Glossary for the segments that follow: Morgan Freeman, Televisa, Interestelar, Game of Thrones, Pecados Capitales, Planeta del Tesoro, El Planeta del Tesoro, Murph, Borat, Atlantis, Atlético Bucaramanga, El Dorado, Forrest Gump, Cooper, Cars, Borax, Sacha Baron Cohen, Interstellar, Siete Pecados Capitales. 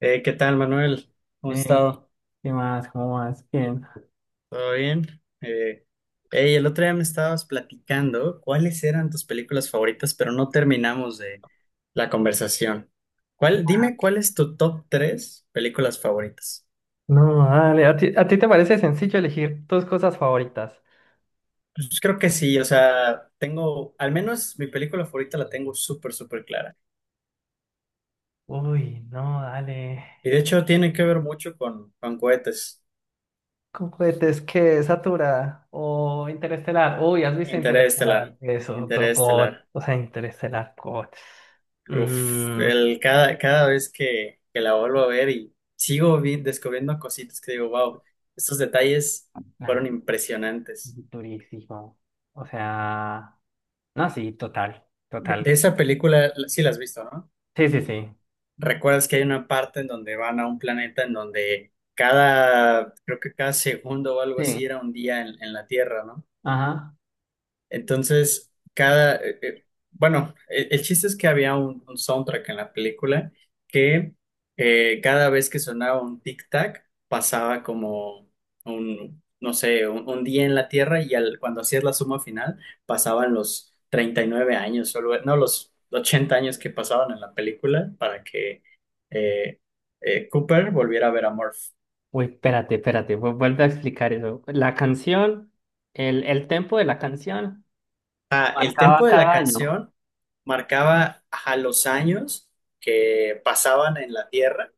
¿Qué tal, Manuel? ¿Cómo has Eh, estado? ¿Qué más? ¿Cómo más? Bien. ¿Todo bien? Hey, el otro día me estabas platicando cuáles eran tus películas favoritas, pero no terminamos de la conversación. ¿Dime cuál es tu top tres películas favoritas? No, dale. ¿A ti te parece sencillo elegir tus cosas favoritas? Pues creo que sí, o sea, al menos mi película favorita la tengo súper, súper clara. Uy, no, dale. Y de hecho tiene que ver mucho con cohetes. ¿Con cohetes qué? ¿Satura? ¿O Interestelar? Uy, ¿has visto Interestelar? Interestelar, Eso, God. Interestelar. O sea, Interestelar, God. Uf, Mmm. Cada vez que la vuelvo a ver y sigo descubriendo cositas que digo, wow, estos detalles Nah, fueron impresionantes. durísimo. O sea. No, sí, total. De Total. esa película sí la has visto, ¿no? Sí, sí, sí. Recuerdas que hay una parte en donde van a un planeta en donde creo que cada segundo o algo Sí. así era un día en la Tierra, ¿no? Ajá. Entonces, bueno, el chiste es que había un soundtrack en la película que cada vez que sonaba un tic-tac pasaba como no sé, un día en la Tierra y cuando hacías la suma final pasaban los 39 años, o no, los 80 años que pasaban en la película para que eh, Cooper volviera a ver a Murph. Uy, espérate, vuelve a explicar eso. La canción, el tempo de la canción Ah, el marcaba tempo de la cada año. canción marcaba a los años que pasaban en la Tierra,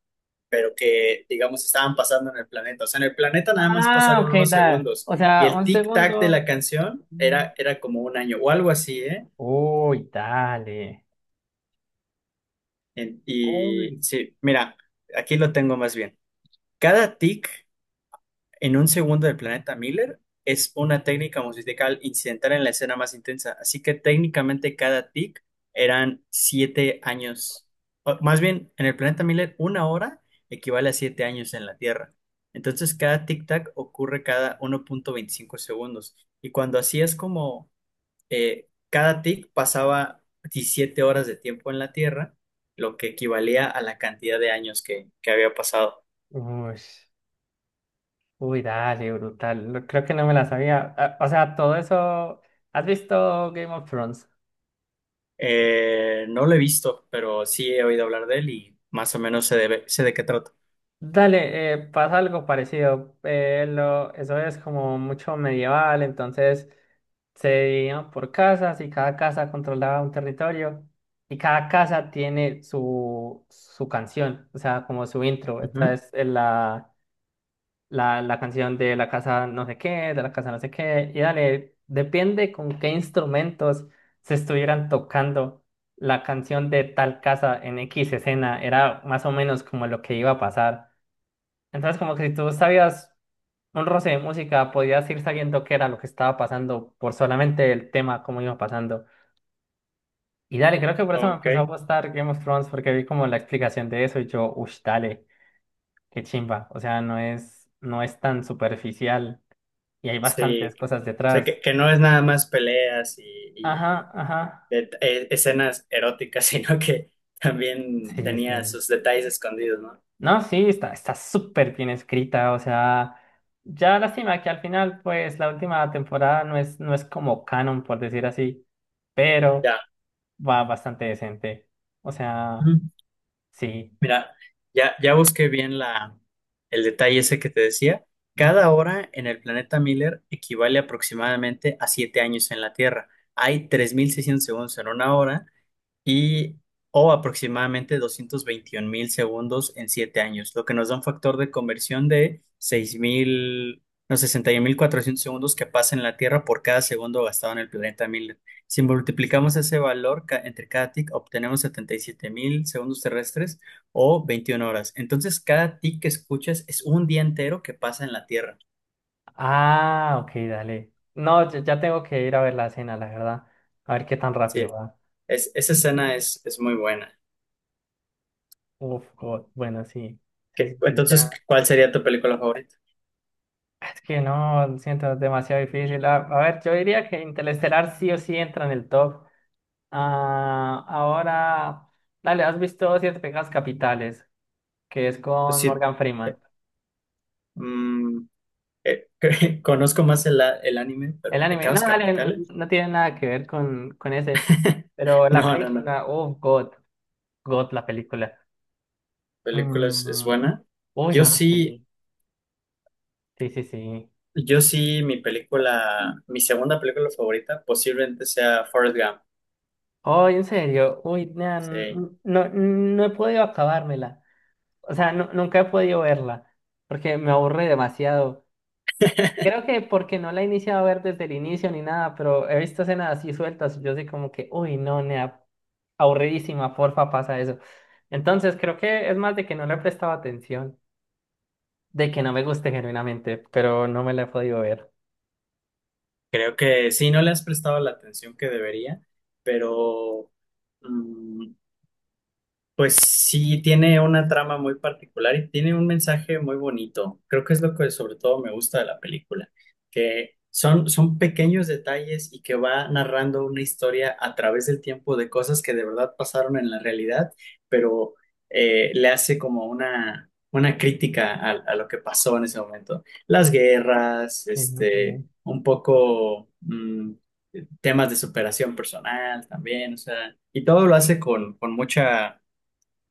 pero que, digamos, estaban pasando en el planeta. O sea, en el planeta nada más Ah, pasaron ok, unos dale. segundos O y sea, el un tic-tac de segundo. la canción Mm. era como un año o algo así, ¿eh? Uy, dale. Y Uy. sí, mira, aquí lo tengo más bien. Cada tic En un segundo del planeta Miller es una técnica musical incidental en la escena más intensa, así que técnicamente cada tic eran 7 años. O, más bien, en el planeta Miller, una hora equivale a 7 años en la Tierra. Entonces, cada tic-tac ocurre cada 1.25 segundos. Y cuando así es como cada tic pasaba 17 horas de tiempo en la Tierra, lo que equivalía a la cantidad de años que había pasado. Uy, uy, dale, brutal. No, creo que no me la sabía. Ah, o sea, todo eso. ¿Has visto Game of Thrones? No lo he visto, pero sí he oído hablar de él y más o menos sé de qué trata. Dale, pasa algo parecido. Eso es como mucho medieval, entonces. Se dividían por casas y cada casa controlaba un territorio y cada casa tiene su canción, o sea, como su intro. Ujú. Esta es la canción de la casa no sé qué, de la casa no sé qué, y dale, depende con qué instrumentos se estuvieran tocando la canción de tal casa en X escena, era más o menos como lo que iba a pasar. Entonces, como que si tú sabías un roce de música, podías ir sabiendo qué era lo que estaba pasando por solamente el tema, cómo iba pasando. Y dale, creo que por eso me Ok, empezó a gustar Game of Thrones, porque vi como la explicación de eso y yo, uff, dale, qué chimba. O sea, no es tan superficial y hay sí. bastantes cosas O sea, detrás. que no es nada más peleas y, Ajá, y ajá. Escenas eróticas, sino que también Sí, tenía sí. sus detalles escondidos, ¿no? No, sí, está súper bien escrita, o sea. Ya lástima que al final, pues, la última temporada no es como canon, por decir así. Pero Ya. va bastante decente. O sea, Ujú. sí. Mira, ya busqué bien el detalle ese que te decía. Ujú. Cada hora en el planeta Miller equivale aproximadamente a 7 años en la Tierra. Hay 3600 segundos en una hora y o aproximadamente 221.000 segundos en 7 años, lo que nos da un factor de conversión de 6.000 no, 61.400 segundos que pasa en la Tierra por cada segundo gastado en el planeta Miller. Si multiplicamos ese valor entre cada tick, obtenemos 77.000 segundos terrestres o 21 horas. Entonces, cada tick que escuchas es un día entero que pasa en la Tierra. Ah, ok, dale. No, ya tengo que ir a ver la cena, la verdad. A ver qué tan Sí, rápido va. Esa escena es muy buena. Uf, God, bueno, sí. Sí, sí, sí, Entonces, ya. ¿cuál sería tu película favorita? Es que no, lo siento, es demasiado difícil. A ver, yo diría que Interestelar sí o sí entra en el top. Ah, ahora, dale, ¿has visto Siete Pecados Capitales? Que es Pues con sí, Morgan eh, Freeman. Mm, eh, conozco más el anime, El pero anime, no, Pecados dale, Capitales. no tiene nada que ver con ese. Pero la No, no, no. película, oh, God, God, la película. Película es Mm, buena. uy, Yo no, sí, sí, sí, sí, sí. yo sí, mi segunda película favorita posiblemente sea Forrest Gump. Oh, en serio, uy, nah, Sí, no, no he podido acabármela. O sea, nunca he podido verla, porque me aburre demasiado. Creo que porque no la he iniciado a ver desde el inicio ni nada, pero he visto escenas así sueltas. Y yo soy como que, uy, no, nea, aburridísima, porfa, pasa eso. Entonces, creo que es más de que no le he prestado atención, de que no me guste genuinamente, pero no me la he podido ver. creo que sí, no le has prestado la atención que debería, pero mm, pues sí, tiene una trama muy particular y tiene un mensaje muy bonito. Creo que es lo que sobre todo me gusta de la película, que son pequeños detalles y que va narrando una historia a través del tiempo de cosas que de verdad pasaron en la realidad, pero le hace como una crítica a lo que pasó en ese momento. Las guerras, Sí, este, ok. un poco temas de superación personal también, o sea, y todo lo hace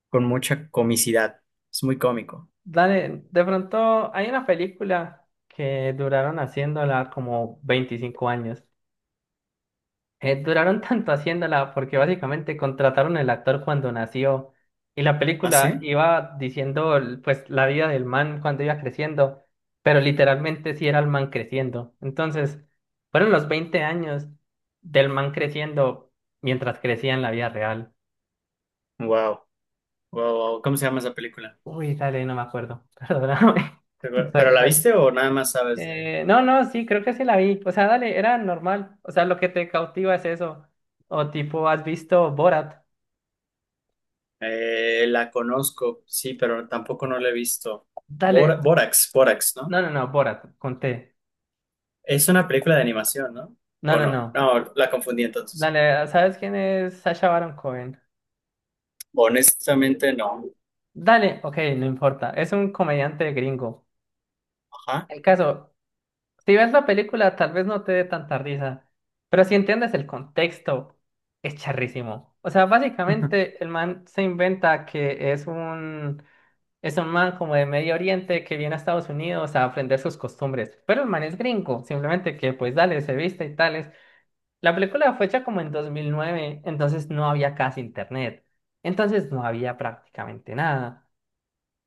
con mucha comicidad. Es muy cómico. Dale, de pronto hay una película que duraron haciéndola como 25 años. Duraron tanto haciéndola porque básicamente contrataron el actor cuando nació y la ¿Ah, película sí? iba diciendo pues la vida del man cuando iba creciendo, pero literalmente sí era el man creciendo. Entonces, fueron los 20 años del man creciendo mientras crecía en la vida real. Wow, wow, wow. ¿Cómo se llama esa película? Uy, dale, no me acuerdo. Perdóname. ¿Pero Soy- la soy- viste o nada más sabes de? No, no, sí, creo que sí la vi. O sea, dale, era normal. O sea, lo que te cautiva es eso. O tipo, ¿has visto Borat? La conozco, sí, pero tampoco no la he visto. Dale. Borax, Borax, No, ¿no? no, no, Borat, conté. Es una película de animación, ¿no? No, ¿O no, no? no. No, la confundí entonces. Dale, ¿sabes quién es Sacha Baron Cohen? Honestamente, no. Dale, ok, no importa. Es un comediante gringo. Ajá. El caso, si ves la película, tal vez no te dé tanta risa, pero si entiendes el contexto, es charrísimo. O sea, básicamente el man se inventa que es un man como de Medio Oriente que viene a Estados Unidos a aprender sus costumbres, pero el man es gringo, simplemente que pues dale, se viste y tales. La película fue hecha como en 2009, entonces no había casi internet, entonces no había prácticamente nada.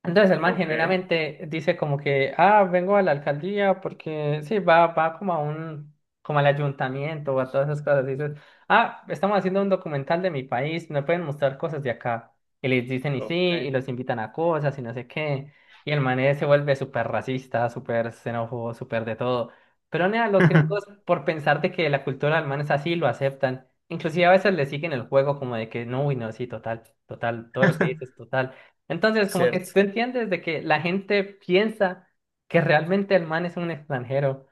Entonces el man Ok, genuinamente dice como que, ah, vengo a la alcaldía porque sí, va como a un, como al ayuntamiento o a todas esas cosas. Y dices, ah, estamos haciendo un documental de mi país, me pueden mostrar cosas de acá. Y les dicen y sí, ok. y los invitan a cosas y no sé qué. Y el man se vuelve súper racista, súper xenófobo, súper de todo. Pero nea, los gringos, por pensar de que la cultura del man es así, lo aceptan. Inclusive a veces le siguen el juego como de que, no, uy, no, sí, total, total, todo lo que dices, total. Entonces, como que Cierto. tú entiendes de que la gente piensa que realmente el man es un extranjero.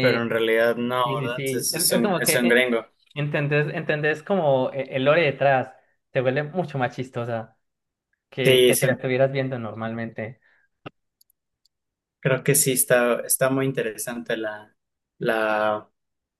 Pero en realidad no, sí, sí, ¿verdad? sí. Es, es Es un, como es que un gringo. entendés como el lore detrás. Te vuelve mucho más chistosa Sí, que si sí. la estuvieras viendo normalmente. Creo que sí está, muy interesante la,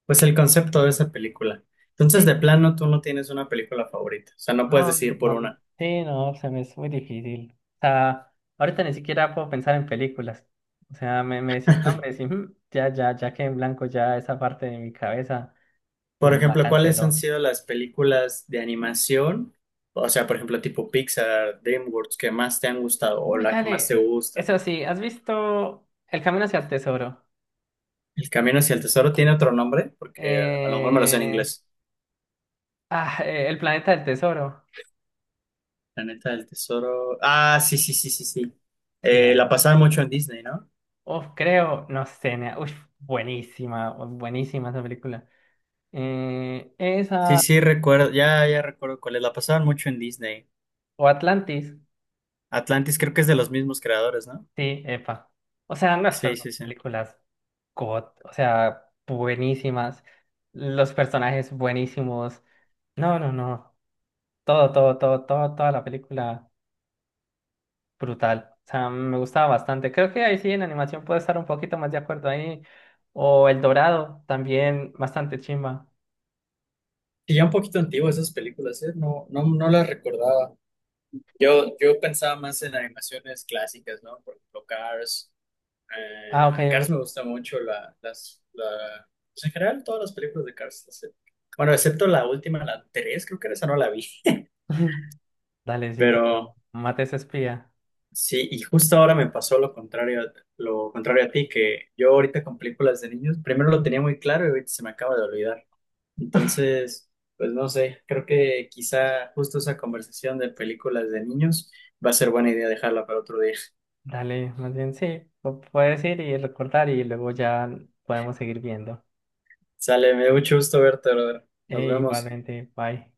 pues el concepto de esa película. Entonces, de Sí, plano, tú no tienes una película favorita. O sea, no puedes no, decidir por no, una. sí, no, se me es muy difícil. O sea, ahorita ni siquiera puedo pensar en películas. O sea, me decís nombres y mm, ya que en blanco ya esa parte de mi cabeza Por la ejemplo, ¿cuáles han canceló. sido las películas de animación? O sea, por ejemplo, tipo Pixar, DreamWorks, que más te han gustado o Uy, la que más te dale. gusta. Eso sí, ¿has visto El Camino hacia el Tesoro? El Camino hacia el Tesoro tiene otro nombre, porque a lo mejor me lo sé en Eh... inglés. Ah, El Planeta del Tesoro. Planeta del Tesoro. Ah, sí, sí, sí, sí, sí. Sí, La dale. pasaban mucho en Disney, ¿no? Uf, creo, no sé, nea. Uf, buenísima, buenísima esa película. Eh, Sí, esa, sí, recuerdo, ya recuerdo cuál es. La pasaban mucho en Disney. o Atlantis. Atlantis creo que es de los mismos creadores, ¿no? Sí, epa. O sea, no, estas Sí, dos sí, sí. películas, God, o sea, buenísimas. Los personajes buenísimos. No, no, no. Todo, todo, todo, todo, toda la película. Brutal. O sea, me gustaba bastante. Creo que ahí sí en animación puedo estar un poquito más de acuerdo ahí. O El Dorado, también bastante chimba. Y ya un poquito antiguas esas películas, ¿eh? No, no, no las recordaba. Yo pensaba más en animaciones clásicas, ¿no? Por ejemplo, Cars. Ah, ok. Cars me Ok. gusta mucho. Pues en general, todas las películas de Cars. Bueno, excepto la última, la 3 creo que esa no la vi. Dale, sí, cuando Pero mates espía. sí, y justo ahora me pasó lo contrario, lo contrario a ti, que yo ahorita con películas de niños, primero lo tenía muy claro y ahorita se me acaba de olvidar. Entonces, pues no sé, creo que quizá justo esa conversación de películas de niños va a ser buena idea dejarla para otro día. Dale, más bien sí. Puedes ir y recordar y luego ya podemos seguir viendo. Sale, me dio mucho gusto verte, brother. Nos vemos. Igualmente, bye.